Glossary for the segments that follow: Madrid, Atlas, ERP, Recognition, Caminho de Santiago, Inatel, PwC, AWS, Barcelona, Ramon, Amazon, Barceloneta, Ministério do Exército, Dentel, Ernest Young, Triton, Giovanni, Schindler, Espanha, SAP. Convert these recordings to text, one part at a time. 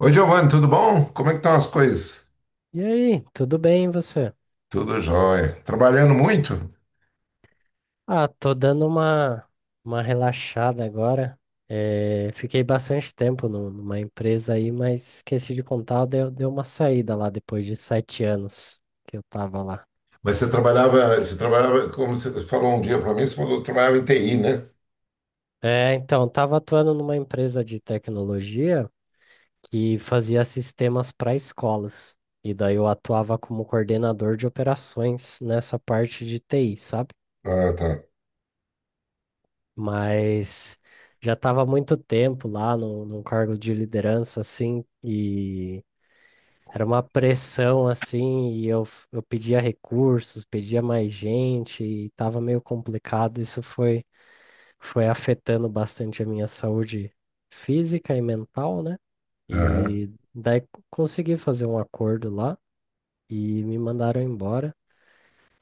Oi, Giovanni, tudo bom? Como é que estão as coisas? E aí, tudo bem, e você? Tudo jóia. Trabalhando muito? Ah, tô dando uma relaxada agora. Fiquei bastante tempo numa empresa aí, mas esqueci de contar, deu uma saída lá depois de 7 anos que eu tava lá. Mas você trabalhava, como você falou um dia para mim, você falou que trabalhava em TI, né? É, então, tava atuando numa empresa de tecnologia que fazia sistemas para escolas. E daí eu atuava como coordenador de operações nessa parte de TI, sabe? Ah, tá. Mas já estava há muito tempo lá no, num cargo de liderança, assim, e era uma pressão, assim, e eu pedia recursos, pedia mais gente, e estava meio complicado. Isso foi afetando bastante a minha saúde física e mental, né? Aham. E daí consegui fazer um acordo lá e me mandaram embora.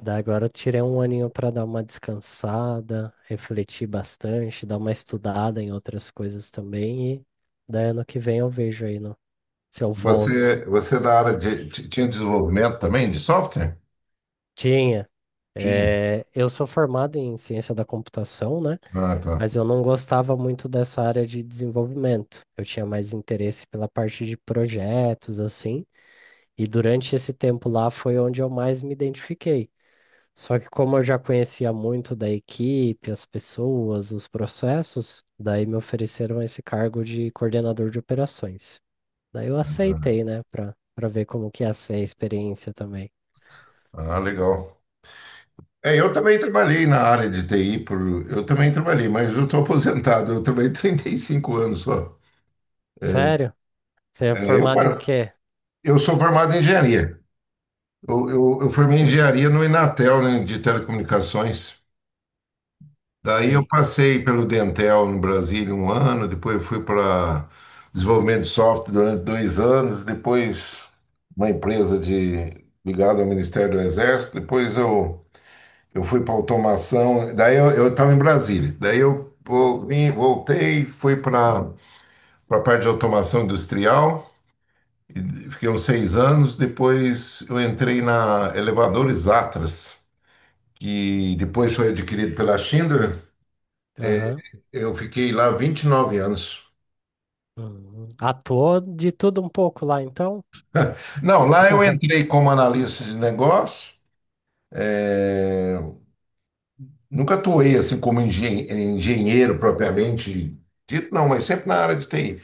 Daí agora eu tirei um aninho para dar uma descansada, refletir bastante, dar uma estudada em outras coisas também. E daí ano que vem eu vejo aí se eu volto. Você é da área de, tinha desenvolvimento também de software? Tinha. Tinha. É, eu sou formado em ciência da computação, né? Ah, tá. Mas eu não gostava muito dessa área de desenvolvimento. Eu tinha mais interesse pela parte de projetos, assim. E durante esse tempo lá foi onde eu mais me identifiquei. Só que como eu já conhecia muito da equipe, as pessoas, os processos, daí me ofereceram esse cargo de coordenador de operações. Daí eu aceitei, né, para ver como que ia ser a experiência também. Ah, legal. É, eu também trabalhei na área de TI, eu também trabalhei, mas eu estou aposentado, eu trabalhei 35 anos só. É, Sério? Você é é, eu, formado em passo- quê? eu sou formado em engenharia. Eu formei engenharia no Inatel, né, de telecomunicações. Daí eu Sei. passei pelo Dentel no Brasília um ano, depois eu fui para desenvolvimento de software durante 2 anos, depois uma empresa de ligada ao Ministério do Exército, depois eu fui para automação, daí eu estava em Brasília, daí eu vim, voltei, fui para a parte de automação industrial, e fiquei uns 6 anos, depois eu entrei na elevadores Atlas, que depois foi adquirido pela Schindler. Aham. Eu fiquei lá 29 anos. Uhum. Atuou de tudo um pouco lá, então? Não, lá eu entrei como analista de negócio. É, nunca atuei assim como engenheiro propriamente dito, não, mas sempre na área de TI.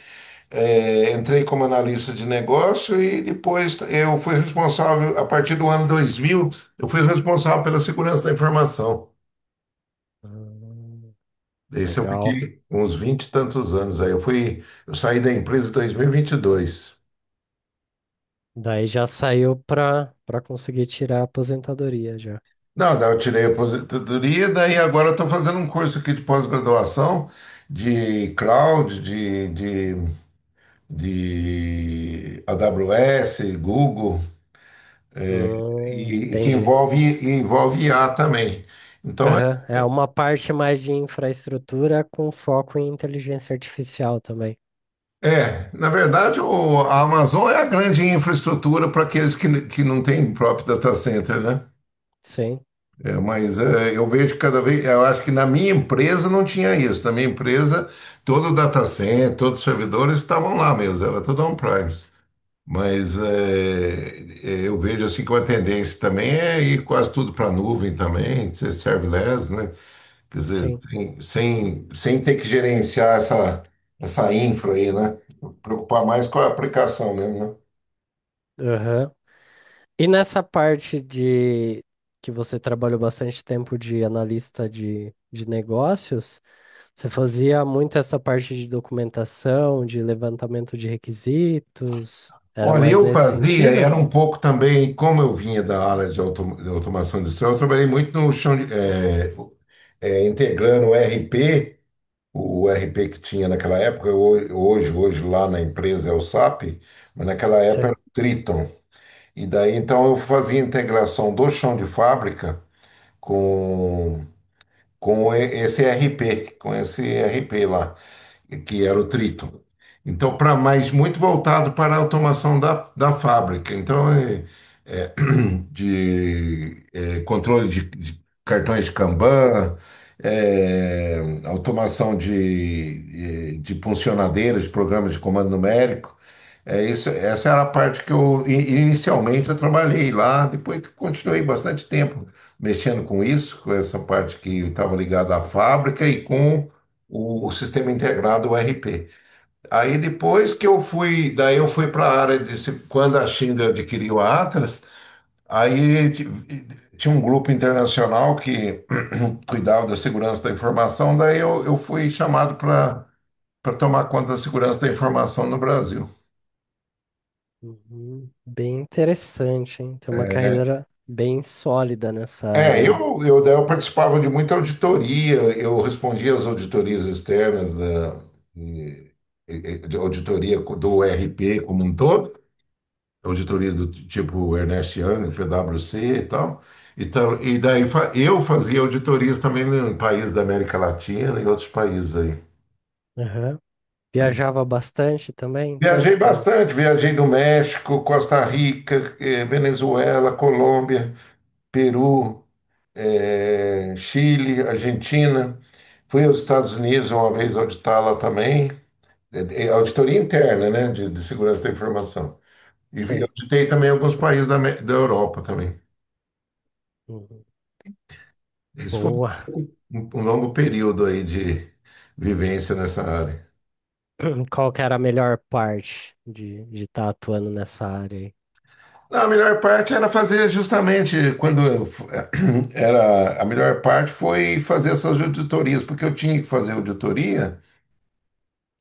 É, entrei como analista de negócio e depois eu fui responsável, a partir do ano 2000. Eu fui responsável pela segurança da informação. Hum. Esse eu Legal. fiquei uns 20 e tantos anos aí. Eu saí da empresa em dois mil e vinte e dois. Daí já saiu para conseguir tirar a aposentadoria já. Não, daí eu tirei a aposentadoria, daí agora eu estou fazendo um curso aqui de pós-graduação de cloud, de AWS, Google, e, e que Entendi. envolve, e envolve I a também. Então, Aham. É uma parte mais de infraestrutura com foco em inteligência artificial também. Na verdade, a Amazon é a grande infraestrutura para aqueles que não têm próprio data center, né? Sim, Eu vejo cada vez, eu acho que na minha empresa não tinha isso. Na minha empresa, todo o data center, todos os servidores estavam lá mesmo, era tudo on-premise. Mas eu vejo assim que uma tendência também é ir quase tudo para a nuvem também, ser serverless, né? Quer dizer, sim. Sem ter que gerenciar essa infra aí, né? Preocupar mais com a aplicação mesmo, né? Aham. E nessa parte de que você trabalhou bastante tempo de analista de negócios, você fazia muito essa parte de documentação, de levantamento de requisitos? Era Olha, mais eu nesse fazia, sentido? era um pouco também, como eu vinha da área de, de automação industrial, eu trabalhei muito no chão de, integrando o RP, que tinha naquela época, hoje lá na empresa é o SAP, mas naquela época Sim. era o Triton. E daí então eu fazia integração do chão de fábrica com esse RP, lá, que era o Triton. Então, para mais muito voltado para a automação da fábrica. Então, de controle de cartões de Kanban, automação de funcionadeiras, de programas de comando numérico. É isso, essa era a parte que inicialmente eu trabalhei lá, depois que continuei bastante tempo mexendo com isso, com essa parte que estava ligada à fábrica e com o sistema integrado, o ERP. Aí depois daí eu fui para a área de quando a Schindler adquiriu a Atlas. Aí ti- tinha um grupo internacional que cuidava da segurança da informação, daí eu fui chamado para tomar conta da segurança da informação no Brasil. Uhum. Bem interessante, hein? Tem uma É, carreira bem sólida nessa é, eu, área eu, daí eu participava de muita auditoria, eu respondia às auditorias externas da e- de auditoria do RP como um todo, auditoria do tipo Ernest Young, PwC e tal. E tal, então, e daí eu fazia auditorias também no país da América Latina e outros países aí. aí. Viajava bastante também, então, Viajei para. bastante, viajei no México, Costa Rica, Venezuela, Colômbia, Peru, Chile, Argentina. Fui aos Estados Unidos uma vez auditar lá também, auditoria interna, né, de segurança da informação. E Sei. auditei também alguns países da Europa também. Uhum. Esse foi Boa. um, um longo período aí de vivência nessa área. Qual que era a melhor parte de estar atuando nessa área aí? Não, a melhor parte era fazer justamente era a melhor parte, foi fazer essas auditorias, porque eu tinha que fazer auditoria,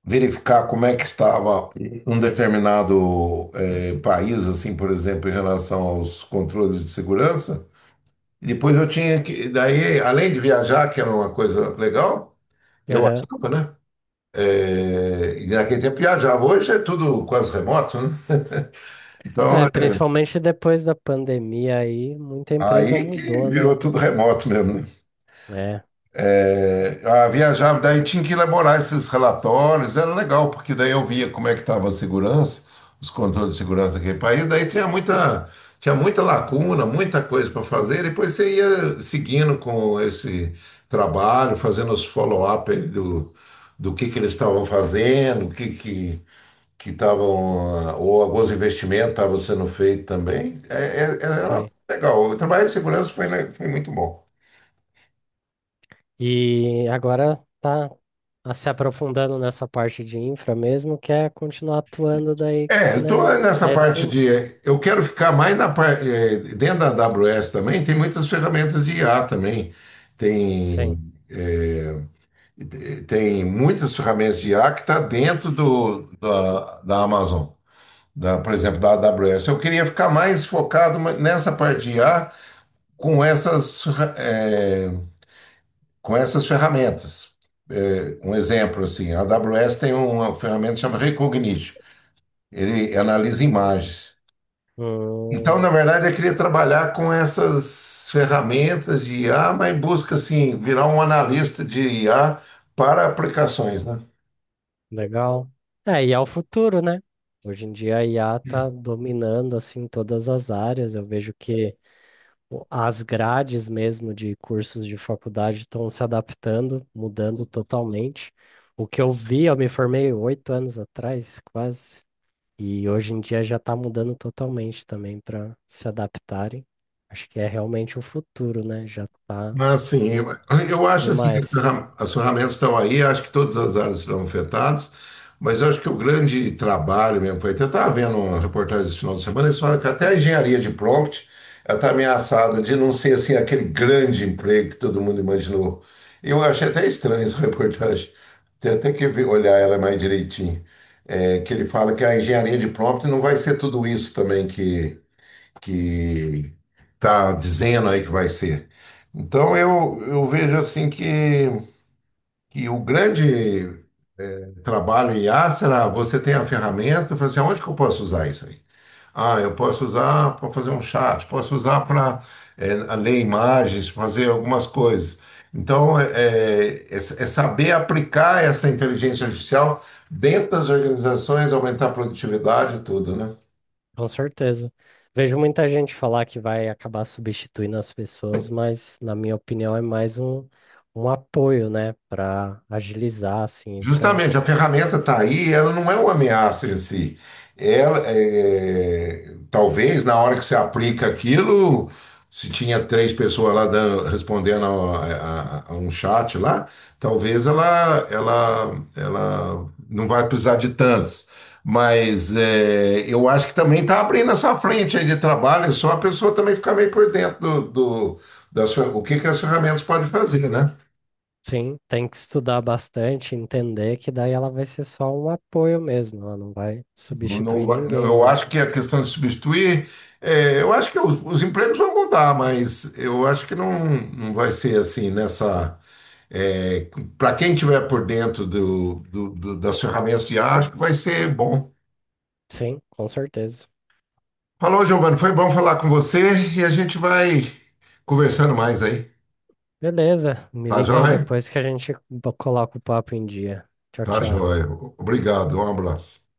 verificar como é que estava um determinado país, assim, por exemplo, em relação aos controles de segurança. E depois eu tinha que, daí, além de viajar, que era uma coisa legal, eu Aham. achava, né? E naquele tempo viajava. Hoje é tudo quase remoto, né? Então, É, principalmente depois da pandemia aí, muita empresa aí que mudou, virou né? tudo remoto mesmo, né? É, É, ah, viajava, daí tinha que elaborar esses relatórios, era legal, porque daí eu via como é que estava a segurança, os controles de segurança daquele país, daí tinha muita lacuna, muita coisa para fazer, depois você ia seguindo com esse trabalho, fazendo os follow-up aí do que eles estavam fazendo, o que que estavam, ah, ou alguns investimentos estavam sendo feitos também. Era sei. legal, o trabalho de segurança foi, foi muito bom. E agora tá se aprofundando nessa parte de infra mesmo, que é continuar atuando daí, É, eu tô né? nessa Nesse, parte de. Eu quero ficar mais na parte dentro da AWS também, tem muitas ferramentas de IA também. Tem, sim. é, Tem muitas ferramentas de IA que está dentro da Amazon, da, por exemplo, da AWS. Eu queria ficar mais focado nessa parte de IA com com essas ferramentas. Um exemplo, assim, a AWS tem uma ferramenta chamada Recognition. Ele analisa imagens. Então, na Hum. verdade, eu queria trabalhar com essas ferramentas de IA, mas em busca, assim, virar um analista de IA para aplicações, né? Legal. É, e é o futuro, né? Hoje em dia a IA tá dominando assim todas as áreas. Eu vejo que o- as grades mesmo de cursos de faculdade estão se adaptando, mudando totalmente. O que eu vi, eu me formei 8 anos atrás, quase, e hoje em dia já está mudando totalmente também para se adaptarem. Acho que é realmente o futuro, né? Já está Mas assim, eu acho assim que demais. As ferramentas estão aí, acho que todas as áreas serão afetadas, mas eu acho que o grande trabalho mesmo, foi, até estava vendo uma reportagem esse final de semana, eles falam que até a engenharia de prompt ela está ameaçada de não ser assim aquele grande emprego que todo mundo imaginou. Eu achei até estranho essa reportagem. Tem até que olhar ela mais direitinho. É, que ele fala que a engenharia de prompt não vai ser tudo isso também que está dizendo aí que vai ser. Então eu vejo assim que o grande trabalho em IA será, você tem a ferramenta, e fala assim, onde que eu posso usar isso aí? Ah, eu posso usar para fazer um chat, posso usar para ler imagens, fazer algumas coisas. Então é saber aplicar essa inteligência artificial dentro das organizações, aumentar a produtividade e tudo, né? Com certeza. Vejo muita gente falar que vai acabar substituindo as pessoas, mas na minha opinião é mais um apoio, né, para agilizar assim, para. Justamente, a ferramenta está aí, ela não é uma ameaça em si. Ela, é, talvez na hora que você aplica aquilo, se tinha três pessoas lá respondendo a um chat lá, talvez ela não vai precisar de tantos. Mas é, eu acho que também está abrindo essa frente aí de trabalho, é só a pessoa também ficar meio por dentro das, o que que as ferramentas podem fazer, né? Sim, tem que estudar bastante, entender que daí ela vai ser só um apoio mesmo, ela não vai Não- não substituir vai- ninguém, eu não. acho que a questão de substituir, é, eu acho que os empregos vão mudar, mas eu acho que não, não vai ser assim nessa. Para quem estiver por dentro das ferramentas de ar, acho que vai ser bom. Sim, com certeza. Falou, Giovanni, foi bom falar com você e a gente vai conversando mais aí. Beleza, me Tá liga aí joia? depois que a gente coloca o papo em dia. Tchau, Tá tchau. joia. Obrigado, um abraço.